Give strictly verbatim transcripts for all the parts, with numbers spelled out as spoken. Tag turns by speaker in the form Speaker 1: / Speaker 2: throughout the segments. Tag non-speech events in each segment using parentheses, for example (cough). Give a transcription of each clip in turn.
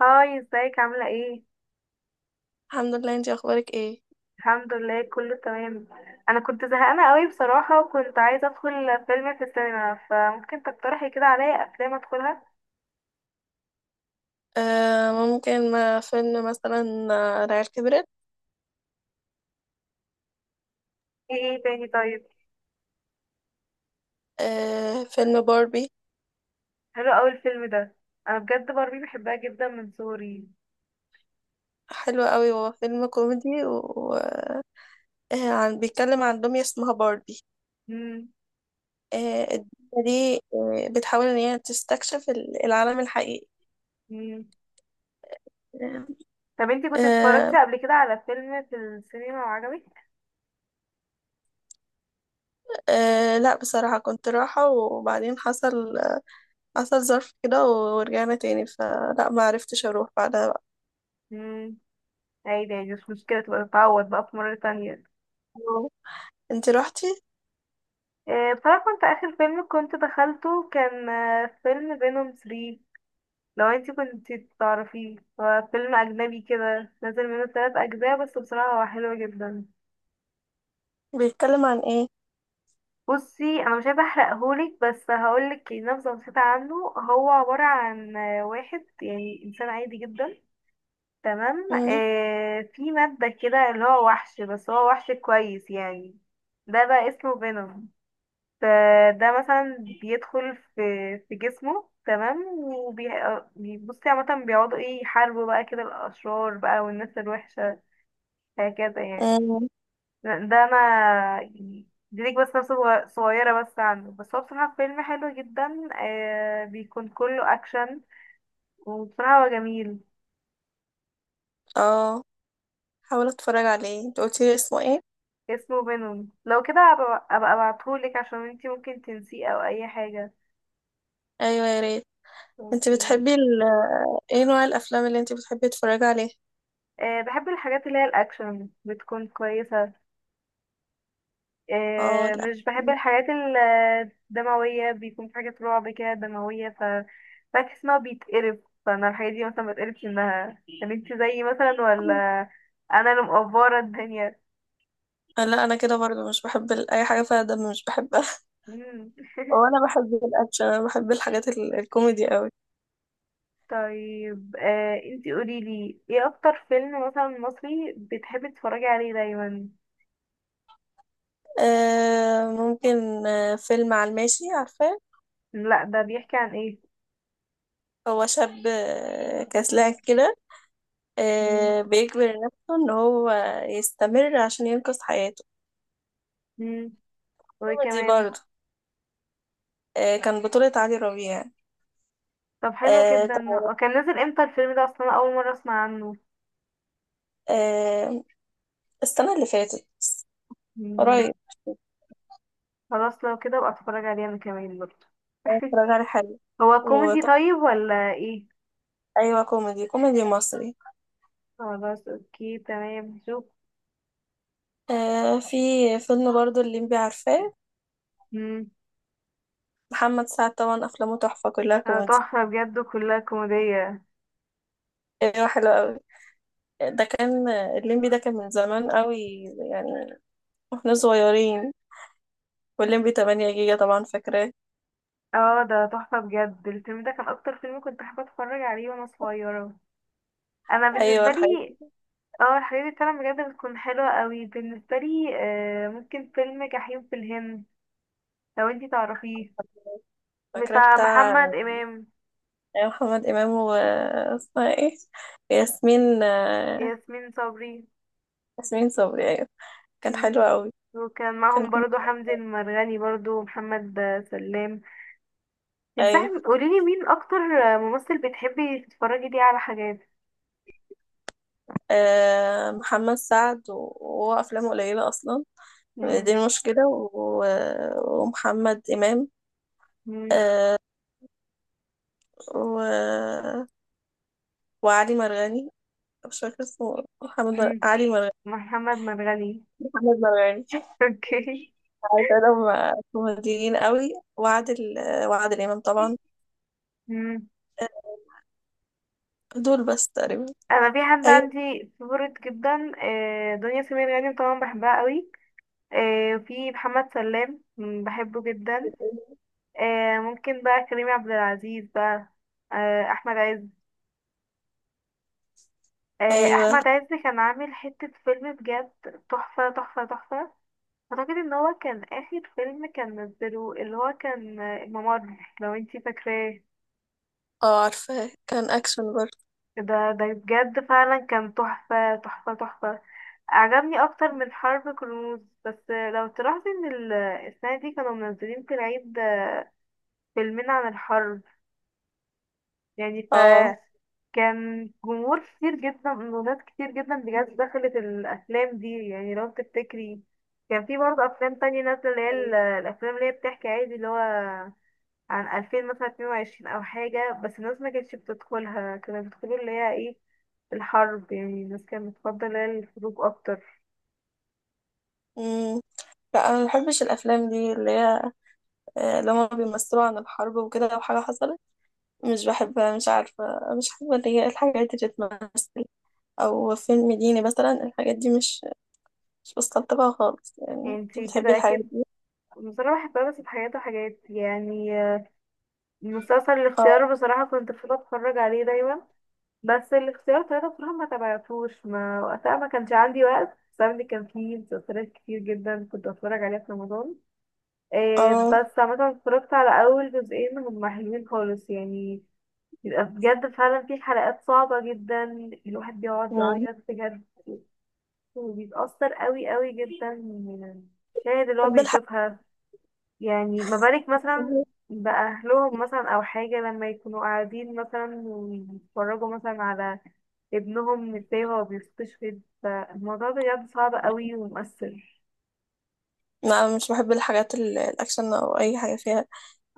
Speaker 1: هاي ازيك عاملة ايه؟
Speaker 2: الحمد لله. انتي اخبارك ايه؟
Speaker 1: الحمد لله، كله تمام. انا كنت زهقانة قوي بصراحة وكنت عايزة ادخل فيلم في السينما، فممكن تقترحي كده عليا افلام ادخلها؟
Speaker 2: آه ممكن ما فيلم مثلا. آه، العيال كبرت.
Speaker 1: ايه ايه تاني طيب؟
Speaker 2: آه فيلم باربي.
Speaker 1: حلو اوي الفيلم ده. انا بجد باربي بحبها جدا من صغري.
Speaker 2: حلو قوي. هو فيلم كوميدي وعن بيتكلم عن دمية اسمها باربي.
Speaker 1: مم.
Speaker 2: آه الدمية دي آه بتحاول ان هي تستكشف ال- العالم الحقيقي.
Speaker 1: مم.
Speaker 2: آه
Speaker 1: طب انتي كنت
Speaker 2: آه.
Speaker 1: اتفرجتي قبل كده على فيلم في السينما وعجبك؟
Speaker 2: آه، لا بصراحة كنت رايحة وبعدين حصل حصل ظرف كده ورجعنا تاني، فلا ما عرفتش اروح بعدها بقى.
Speaker 1: مم. عادي عادي، مش مشكلة، تبقى تتعوض بقى في مرة تانية.
Speaker 2: انتي روحتي؟
Speaker 1: آه، بصراحة كنت، آخر فيلم كنت دخلته كان آه، فيلم فينوم تلاتة. لو انتي كنت تعرفيه هو فيلم أجنبي كده، نزل منه تلات أجزاء، بس بصراحة هو حلو جدا.
Speaker 2: بيتكلم عن ايه؟
Speaker 1: بصي، أنا مش عايزة أحرقهولك، بس هقولك نبذة بسيطة عنه. هو عبارة عن آه، واحد يعني إنسان عادي جدا، تمام، آه في مادة كده اللي هو وحش، بس هو وحش كويس يعني. ده بقى اسمه فينوم. فده مثلا بيدخل في في جسمه تمام، وبي بصي عامة بيقعدوا ايه، يحاربوا بقى كده الأشرار بقى والناس الوحشة، هكذا يعني.
Speaker 2: مم.
Speaker 1: ده ده انا يعني دي ليك بس نفسه، صغ- صغيرة بس عنه، بس هو بصراحة فيلم حلو جدا، آه بيكون كله اكشن، وبصراحة هو جميل.
Speaker 2: اه، حاول اتفرج عليه. انت قلتي لي اسمه ايه؟
Speaker 1: اسمه فينوم، لو كده ابقى أبقى ابعتهولك عشان انتي ممكن تنسيه او اي حاجة.
Speaker 2: ايوه يا ريت. انت
Speaker 1: اوكي.
Speaker 2: بتحبي ال... ايه نوع الافلام اللي انت بتحبي تتفرجي عليها؟
Speaker 1: آه بحب الحاجات اللي هي الاكشن بتكون كويسة.
Speaker 2: اه
Speaker 1: آه،
Speaker 2: لا،
Speaker 1: مش بحب الحاجات ال- الدموية، بيكون في حاجات رعب كده دموية، ف بحس ان هو بيتقرف. فانا الحاجات دي مثلا مبتقرفش منها يعني. انت زيي مثلا ولا انا اللي مقفرة الدنيا؟
Speaker 2: لا انا كده برضه مش بحب ال- اي حاجه فيها دم مش بحبها.
Speaker 1: مم.
Speaker 2: (laughs) وانا بحب الاكشن، انا بحب الحاجات ال... الكوميدي قوي.
Speaker 1: طيب، آه انت قوليلي ايه اكتر فيلم مثلا مصري بتحبي تتفرجي عليه دايما؟
Speaker 2: آه ممكن، آه فيلم على الماشي، عارفاه؟
Speaker 1: لا، ده بيحكي عن ايه؟
Speaker 2: هو شاب آه، كسلان كده.
Speaker 1: مم.
Speaker 2: آه بيجبر نفسه ان هو يستمر عشان ينقذ حياته.
Speaker 1: مم. وايه
Speaker 2: كوميدي
Speaker 1: كمان؟
Speaker 2: برضه. آه كان بطولة علي ربيع.
Speaker 1: طب حلو
Speaker 2: آه،
Speaker 1: جدا، هو كان نازل امتى الفيلم ده اصلا؟ أنا اول مرة اسمع عنه.
Speaker 2: آه، السنة اللي فاتت،
Speaker 1: مم.
Speaker 2: قريب.
Speaker 1: خلاص لو كده ابقى اتفرج عليه انا كمان برضه. (laughs)
Speaker 2: اتفرج على حلو.
Speaker 1: هو كوميدي
Speaker 2: وطب
Speaker 1: طيب ولا ايه؟
Speaker 2: أيوة، كوميدي، كوميدي مصري.
Speaker 1: خلاص اوكي تمام، شوف.
Speaker 2: آه، في فيلم برضو اللي انبي عارفاه،
Speaker 1: امم.
Speaker 2: محمد سعد. طبعا أفلامه تحفة، كلها
Speaker 1: اه
Speaker 2: كوميدي.
Speaker 1: تحفة بجد، كلها كوميدية.
Speaker 2: أيوة حلو أوي. ده كان الليمبي، ده كان من زمان قوي يعني، واحنا صغيرين. والليمبي تمانية جيجا طبعا، فاكراه؟
Speaker 1: اه ده تحفة بجد، الفيلم ده كان اكتر فيلم كنت حابة اتفرج عليه وانا صغيرة. انا
Speaker 2: ايوه
Speaker 1: بالنسبة
Speaker 2: الحاجات
Speaker 1: لي،
Speaker 2: دي.
Speaker 1: اه الحاجات دي فعلا بجد بتكون حلوة قوي بالنسبة لي. آه ممكن فيلم جحيم في الهند، لو انتي تعرفيه.
Speaker 2: فاكراه؟
Speaker 1: بتاع
Speaker 2: بتاع
Speaker 1: محمد امام.
Speaker 2: أيوة، محمد امام و اسمها ايه؟ ياسمين آه،
Speaker 1: ياسمين صبري.
Speaker 2: ياسمين صبري. ايوه كان حلو
Speaker 1: مم.
Speaker 2: قوي.
Speaker 1: وكان
Speaker 2: كان
Speaker 1: معهم
Speaker 2: كوميدي.
Speaker 1: برضو حمدي المرغني، برضو محمد سلام. انصحي،
Speaker 2: أيوة.
Speaker 1: قوليلي مين اكتر ممثل بتحبي تتفرجي ليه على حاجات.
Speaker 2: آه، محمد سعد و- وهو أفلامه قليلة أصلا، دي
Speaker 1: مم.
Speaker 2: المشكلة. و- ومحمد إمام،
Speaker 1: مم.
Speaker 2: آه، و... وعلي مرغني. مش فاكرة اسمه. محمد مر...
Speaker 1: مم.
Speaker 2: علي مرغني،
Speaker 1: محمد مرغني.
Speaker 2: محمد مرغني.
Speaker 1: (laughs) اوكي.
Speaker 2: عارفة كوميديين قوي. وعادل وعادل إمام طبعا.
Speaker 1: مم.
Speaker 2: دول بس تقريبا.
Speaker 1: انا في حد
Speaker 2: أيوة
Speaker 1: عندي فيفورت جدا، آه، دنيا سمير غانم طبعا بحبها قوي. آه، في محمد سلام مم، بحبه جدا. آه، ممكن بقى كريم عبد العزيز بقى. آه، احمد عز. آه،
Speaker 2: أيوة.
Speaker 1: احمد عز كان عامل حتة فيلم بجد تحفة تحفة تحفة. اعتقد ان هو كان اخر فيلم كان نزله اللي هو كان، آه، الممر، لو انتي فاكراه.
Speaker 2: اه عارفة، كان أكشن برضه.
Speaker 1: ده ده بجد فعلا كان تحفة تحفة تحفة. عجبني اكتر من حرب كرموز. بس آه، لو تلاحظي ان ال- السنة دي كانوا منزلين في العيد آه، فيلمين عن الحرب يعني. ف
Speaker 2: اه.
Speaker 1: كان جمهور كتير جدا وناس كتير جدا بجد دخلت الأفلام دي، يعني لو تفتكري كان في برضه أفلام تانية نازلة اللي هي ال- الأفلام اللي هي بتحكي عادي اللي هو عن ألفين مثلا اتنين وعشرين أو حاجة، بس الناس ما كانتش بتدخلها، كانوا بيدخلوا اللي هي ايه، الحرب، يعني الناس كانت بتفضل اللي هي الحروب أكتر.
Speaker 2: مم. لا أنا مبحبش الأفلام دي اللي هي، آه، اللي هما بيمثلوا عن الحرب وكده، لو حاجة حصلت مش بحبها، مش عارفة. مش حابة اللي هي الحاجات اللي بتمثل أو فيلم ديني مثلا. الحاجات دي مش مش بستلطفها خالص
Speaker 1: يعني
Speaker 2: يعني. انت
Speaker 1: انتي
Speaker 2: بتحبي
Speaker 1: كده
Speaker 2: الحاجات
Speaker 1: أكيد.
Speaker 2: دي؟
Speaker 1: بصراحة بحبها بس بحاجات وحاجات يعني. المسلسل الاختيار
Speaker 2: اه
Speaker 1: بصراحة كنت بفضل أتفرج عليه دايما. بس الاختيار ثلاثة بصراحة ما تابعتوش، ما وقتها ما كانش عندي وقت بسبب ان كان فيه مسلسلات كتير جدا كنت بتفرج عليها في رمضان. إيه،
Speaker 2: اه.
Speaker 1: بس عامة اتفرجت على أول جزئين، هما حلوين خالص يعني. بيبقى بجد فعلا في حلقات صعبة جدا، الواحد بيقعد
Speaker 2: مم.
Speaker 1: يعيط بجد، وبيتأثر قوي قوي جدا من المشاهد اللي هو
Speaker 2: بحب الحاجات
Speaker 1: بيشوفها. يعني ما بالك
Speaker 2: اللي
Speaker 1: مثلا
Speaker 2: هي-
Speaker 1: بأهلهم مثلا أو حاجة، لما يكونوا قاعدين مثلا ويتفرجوا مثلا على ابنهم ازاي هو بيستشهد، فالموضوع بجد صعب قوي ومؤثر.
Speaker 2: لا مش بحب الحاجات ال- الأكشن أو أي حاجة فيها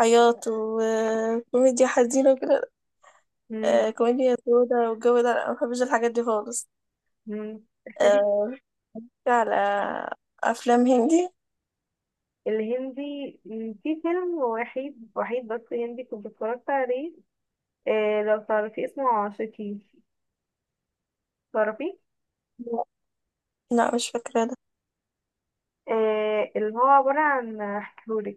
Speaker 2: عياط وكوميديا حزينة وكده.
Speaker 1: مم.
Speaker 2: آه، كوميديا سودة والجو ده، لا ما بحبش الحاجات دي خالص.
Speaker 1: مم. (laughs)
Speaker 2: آه، في على أفلام هندي.
Speaker 1: الهندي، مم، في فيلم وحيد وحيد بس هندي كنت اتفرجت عليه. آه لو تعرفي اسمه عاشقي، تعرفي؟
Speaker 2: لا مش فاكرة ده.
Speaker 1: آه اللي هو عبارة عن، هحكيهولك،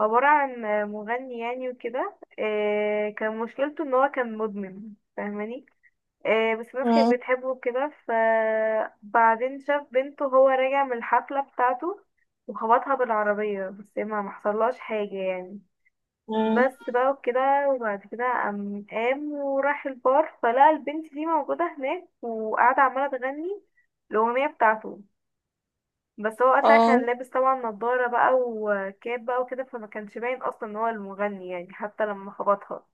Speaker 1: عبارة عن مغني يعني وكده، آه، كان مشكلته ان هو كان مدمن، فاهماني؟ آه، بس الناس كانت
Speaker 2: مم.
Speaker 1: بتحبه كده، فبعدين شاف بنته، هو راجع من الحفلة بتاعته، وخبطها بالعربية بس ما محصلهاش حاجة يعني،
Speaker 2: مم.
Speaker 1: بس بقى وكده. وبعد كده قام قام وراح البار، فلقى البنت دي موجودة هناك وقاعدة عمالة تغني الأغنية بتاعته. بس هو وقتها
Speaker 2: اه.
Speaker 1: كان لابس طبعا نضارة بقى وكاب بقى وكده، فما كانش باين اصلا ان هو المغني يعني حتى لما خبطها.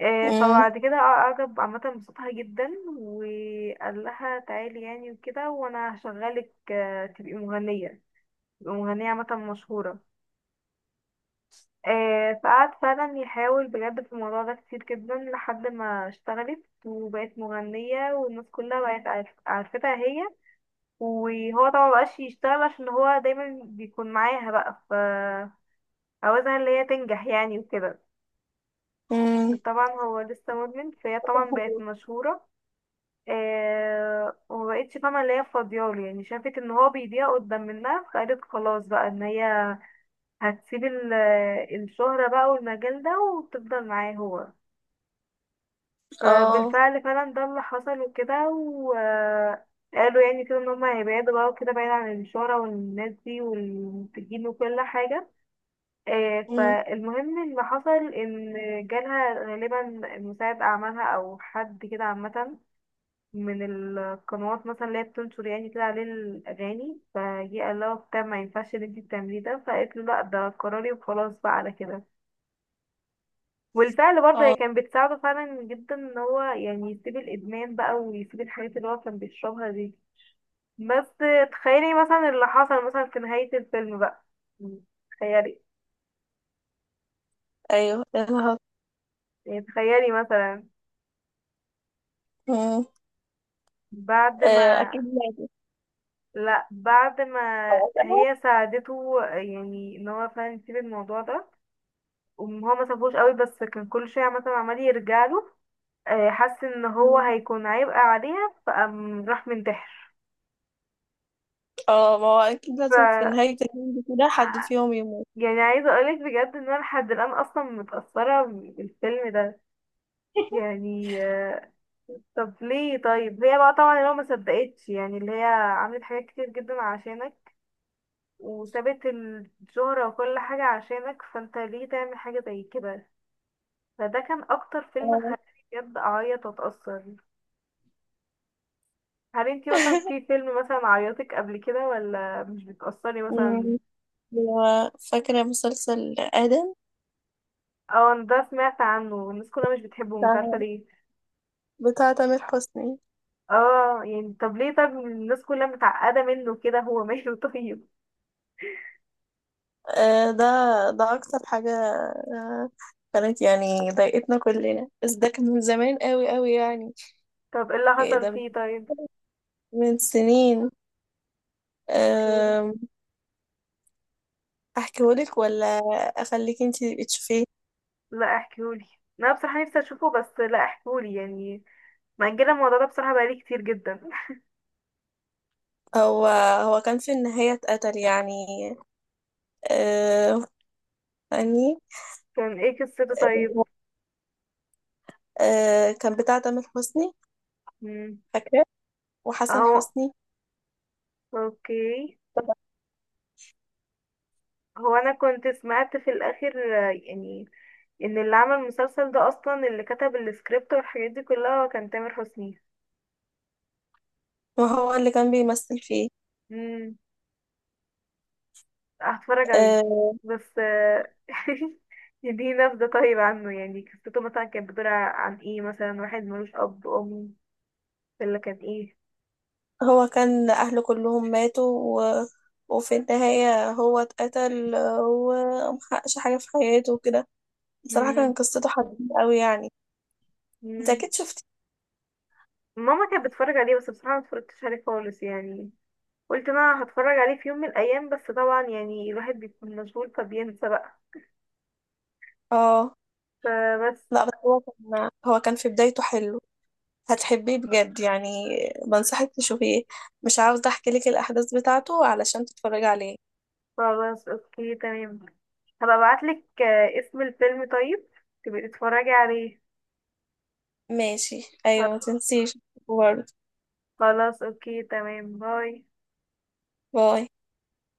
Speaker 1: آه،
Speaker 2: مم.
Speaker 1: فبعد كده اعجب عامة بصوتها جدا، وقال لها تعالي يعني وكده، وانا هشغلك آه، تبقي مغنية، تبقي مغنية عامة مشهورة. آه، فقعد فعلا يحاول بجد في الموضوع ده كتير جدا، لحد ما اشتغلت وبقت مغنية والناس كلها بقت عارف- عارفتها هي، وهو طبعا مبقاش يشتغل عشان هو دايما بيكون معاها بقى، ف عاوزها اللي هي تنجح يعني وكده.
Speaker 2: مم.
Speaker 1: طبعا هو لسه مدمن، فهي طبعا بقت مشهورة، آه ومبقتش فاهمة اللي هي فاضياله يعني، شافت ان هو بيضيع قدام منها، فقالت خلاص بقى ان هي هتسيب ال- الشهرة بقى والمجال ده وتفضل معاه هو.
Speaker 2: اه.
Speaker 1: فبالفعل، فعلا ده اللي حصل وكده، وقالوا يعني كده ان هم هيبعدوا بقى وكده بعيد عن الشهرة والناس دي والمنتجين وكل حاجة. آه،
Speaker 2: مم.
Speaker 1: فالمهم اللي حصل ان جالها غالبا مساعد اعمالها او حد كده عامة من القنوات مثلا اللي هي بتنشر يعني كده عليه الاغاني، فجه قال لها وبتاع ما ينفعش اللي انتي بتعمليه ده، فقالت له لا، ده قراري وخلاص بقى على كده. والفعل برضه هي
Speaker 2: اه.
Speaker 1: كانت بتساعده فعلا جدا ان هو يعني يسيب الادمان بقى ويسيب الحاجات اللي هو كان بيشربها دي. بس تخيلي مثلا اللي حصل مثلا في نهاية الفيلم بقى، تخيلي
Speaker 2: ايوه يا نهار.
Speaker 1: يعني، تخيلي مثلا
Speaker 2: مم.
Speaker 1: بعد
Speaker 2: آه،
Speaker 1: ما،
Speaker 2: اكيد لازم.
Speaker 1: لا، بعد ما
Speaker 2: خلاص اهو.
Speaker 1: هي ساعدته يعني ان هو فعلا يسيب الموضوع ده، وهو ما سابوش قوي بس كان كل شوية مثلا عمال يرجع له، آه، حس ان هو
Speaker 2: مم.
Speaker 1: هيكون عبء عليها فقام راح منتحر.
Speaker 2: اه ما هو اكيد
Speaker 1: ف
Speaker 2: لازم، في نهاية اليوم كده حد فيهم يموت.
Speaker 1: يعني عايزة اقولك بجد ان انا لحد الان اصلا متأثرة بالفيلم ده يعني. آه، طب ليه طيب؟ هي بقى طبعا اللي هو ما صدقتش يعني اللي هي عملت حاجات كتير جدا عشانك وسابت الشهرة وكل حاجة عشانك، فانت ليه تعمل حاجة زي كده؟ فده كان اكتر فيلم
Speaker 2: اه.
Speaker 1: خلاني بجد اعيط واتأثر. هل انتي مثلا في فيلم مثلا عيطك قبل كده ولا مش بتأثري
Speaker 2: مم.
Speaker 1: مثلا؟
Speaker 2: و فاكرة مسلسل آدم،
Speaker 1: اه، أنا ده سمعت عنه والناس كلها مش بتحبه، مش عارفة
Speaker 2: بتاع
Speaker 1: ليه.
Speaker 2: بتاع تامر حسني.
Speaker 1: اه يعني، طب ليه، طب الناس كلها متعقدة منه كده، هو ماله؟ (laughs) طيب.
Speaker 2: آه، ده ده أكتر حاجة آه، كانت يعني ضايقتنا كلنا، بس ده كان من زمان قوي قوي يعني.
Speaker 1: طب ايه اللي
Speaker 2: إيه
Speaker 1: حصل
Speaker 2: ده،
Speaker 1: فيه طيب؟
Speaker 2: من سنين.
Speaker 1: احكيولي.
Speaker 2: آم، أحكيهولك ولا أخليك انتي تشوفيه؟
Speaker 1: لا، احكيولي، انا بصراحة نفسي اشوفه، بس لا، احكيولي يعني، مأجلة الموضوع ده بصراحة بقالي كتير جدا.
Speaker 2: هو هو كان في النهاية اتقتل يعني. آه يعني.
Speaker 1: كان ايه قصته طيب؟
Speaker 2: آه كان بتاع تامر حسني،
Speaker 1: مم.
Speaker 2: فاكرة؟ وحسن
Speaker 1: اهو،
Speaker 2: حسني.
Speaker 1: اوكي. هو انا كنت سمعت في الاخر آه، يعني ان اللي عمل المسلسل ده اصلا، اللي كتب السكريبت والحاجات دي كلها، هو كان تامر حسني.
Speaker 2: ما هو اللي كان بيمثل فيه.
Speaker 1: مم. هتفرج عليه.
Speaker 2: آه.
Speaker 1: بس آه، (laughs) دي نبذة طيب عنه، يعني قصته مثلا كانت بتدور عن ايه مثلا؟ واحد ملوش أب أم ولا كان ايه؟
Speaker 2: هو كان أهله كلهم ماتوا و... وفي النهاية هو اتقتل، آه، ومحققش حاجة في حياته وكده. بصراحة كان
Speaker 1: مم.
Speaker 2: قصته حزينة أوي يعني. انت
Speaker 1: مم.
Speaker 2: أكيد شفتي.
Speaker 1: ماما كانت بتتفرج عليه بس بصراحة متفرجتش عليه خالص يعني، قلت انا هتفرج عليه في يوم من الأيام، بس طبعا يعني الواحد بيكون مشغول فبينسى بقى،
Speaker 2: اه
Speaker 1: فبس.
Speaker 2: لا بس هو كان، هو كان في بدايته حلو، هتحبيه بجد يعني. بنصحك تشوفيه. مش عاوزة احكي لك الاحداث بتاعته علشان تتفرجي عليه.
Speaker 1: خلاص اوكي تمام، هبقى ابعتلك آه، اسم الفيلم طيب، تبقي تتفرجي عليه.
Speaker 2: ماشي ايوه، ما تنسيش برضه.
Speaker 1: خلاص اوكي تمام، باي.
Speaker 2: باي.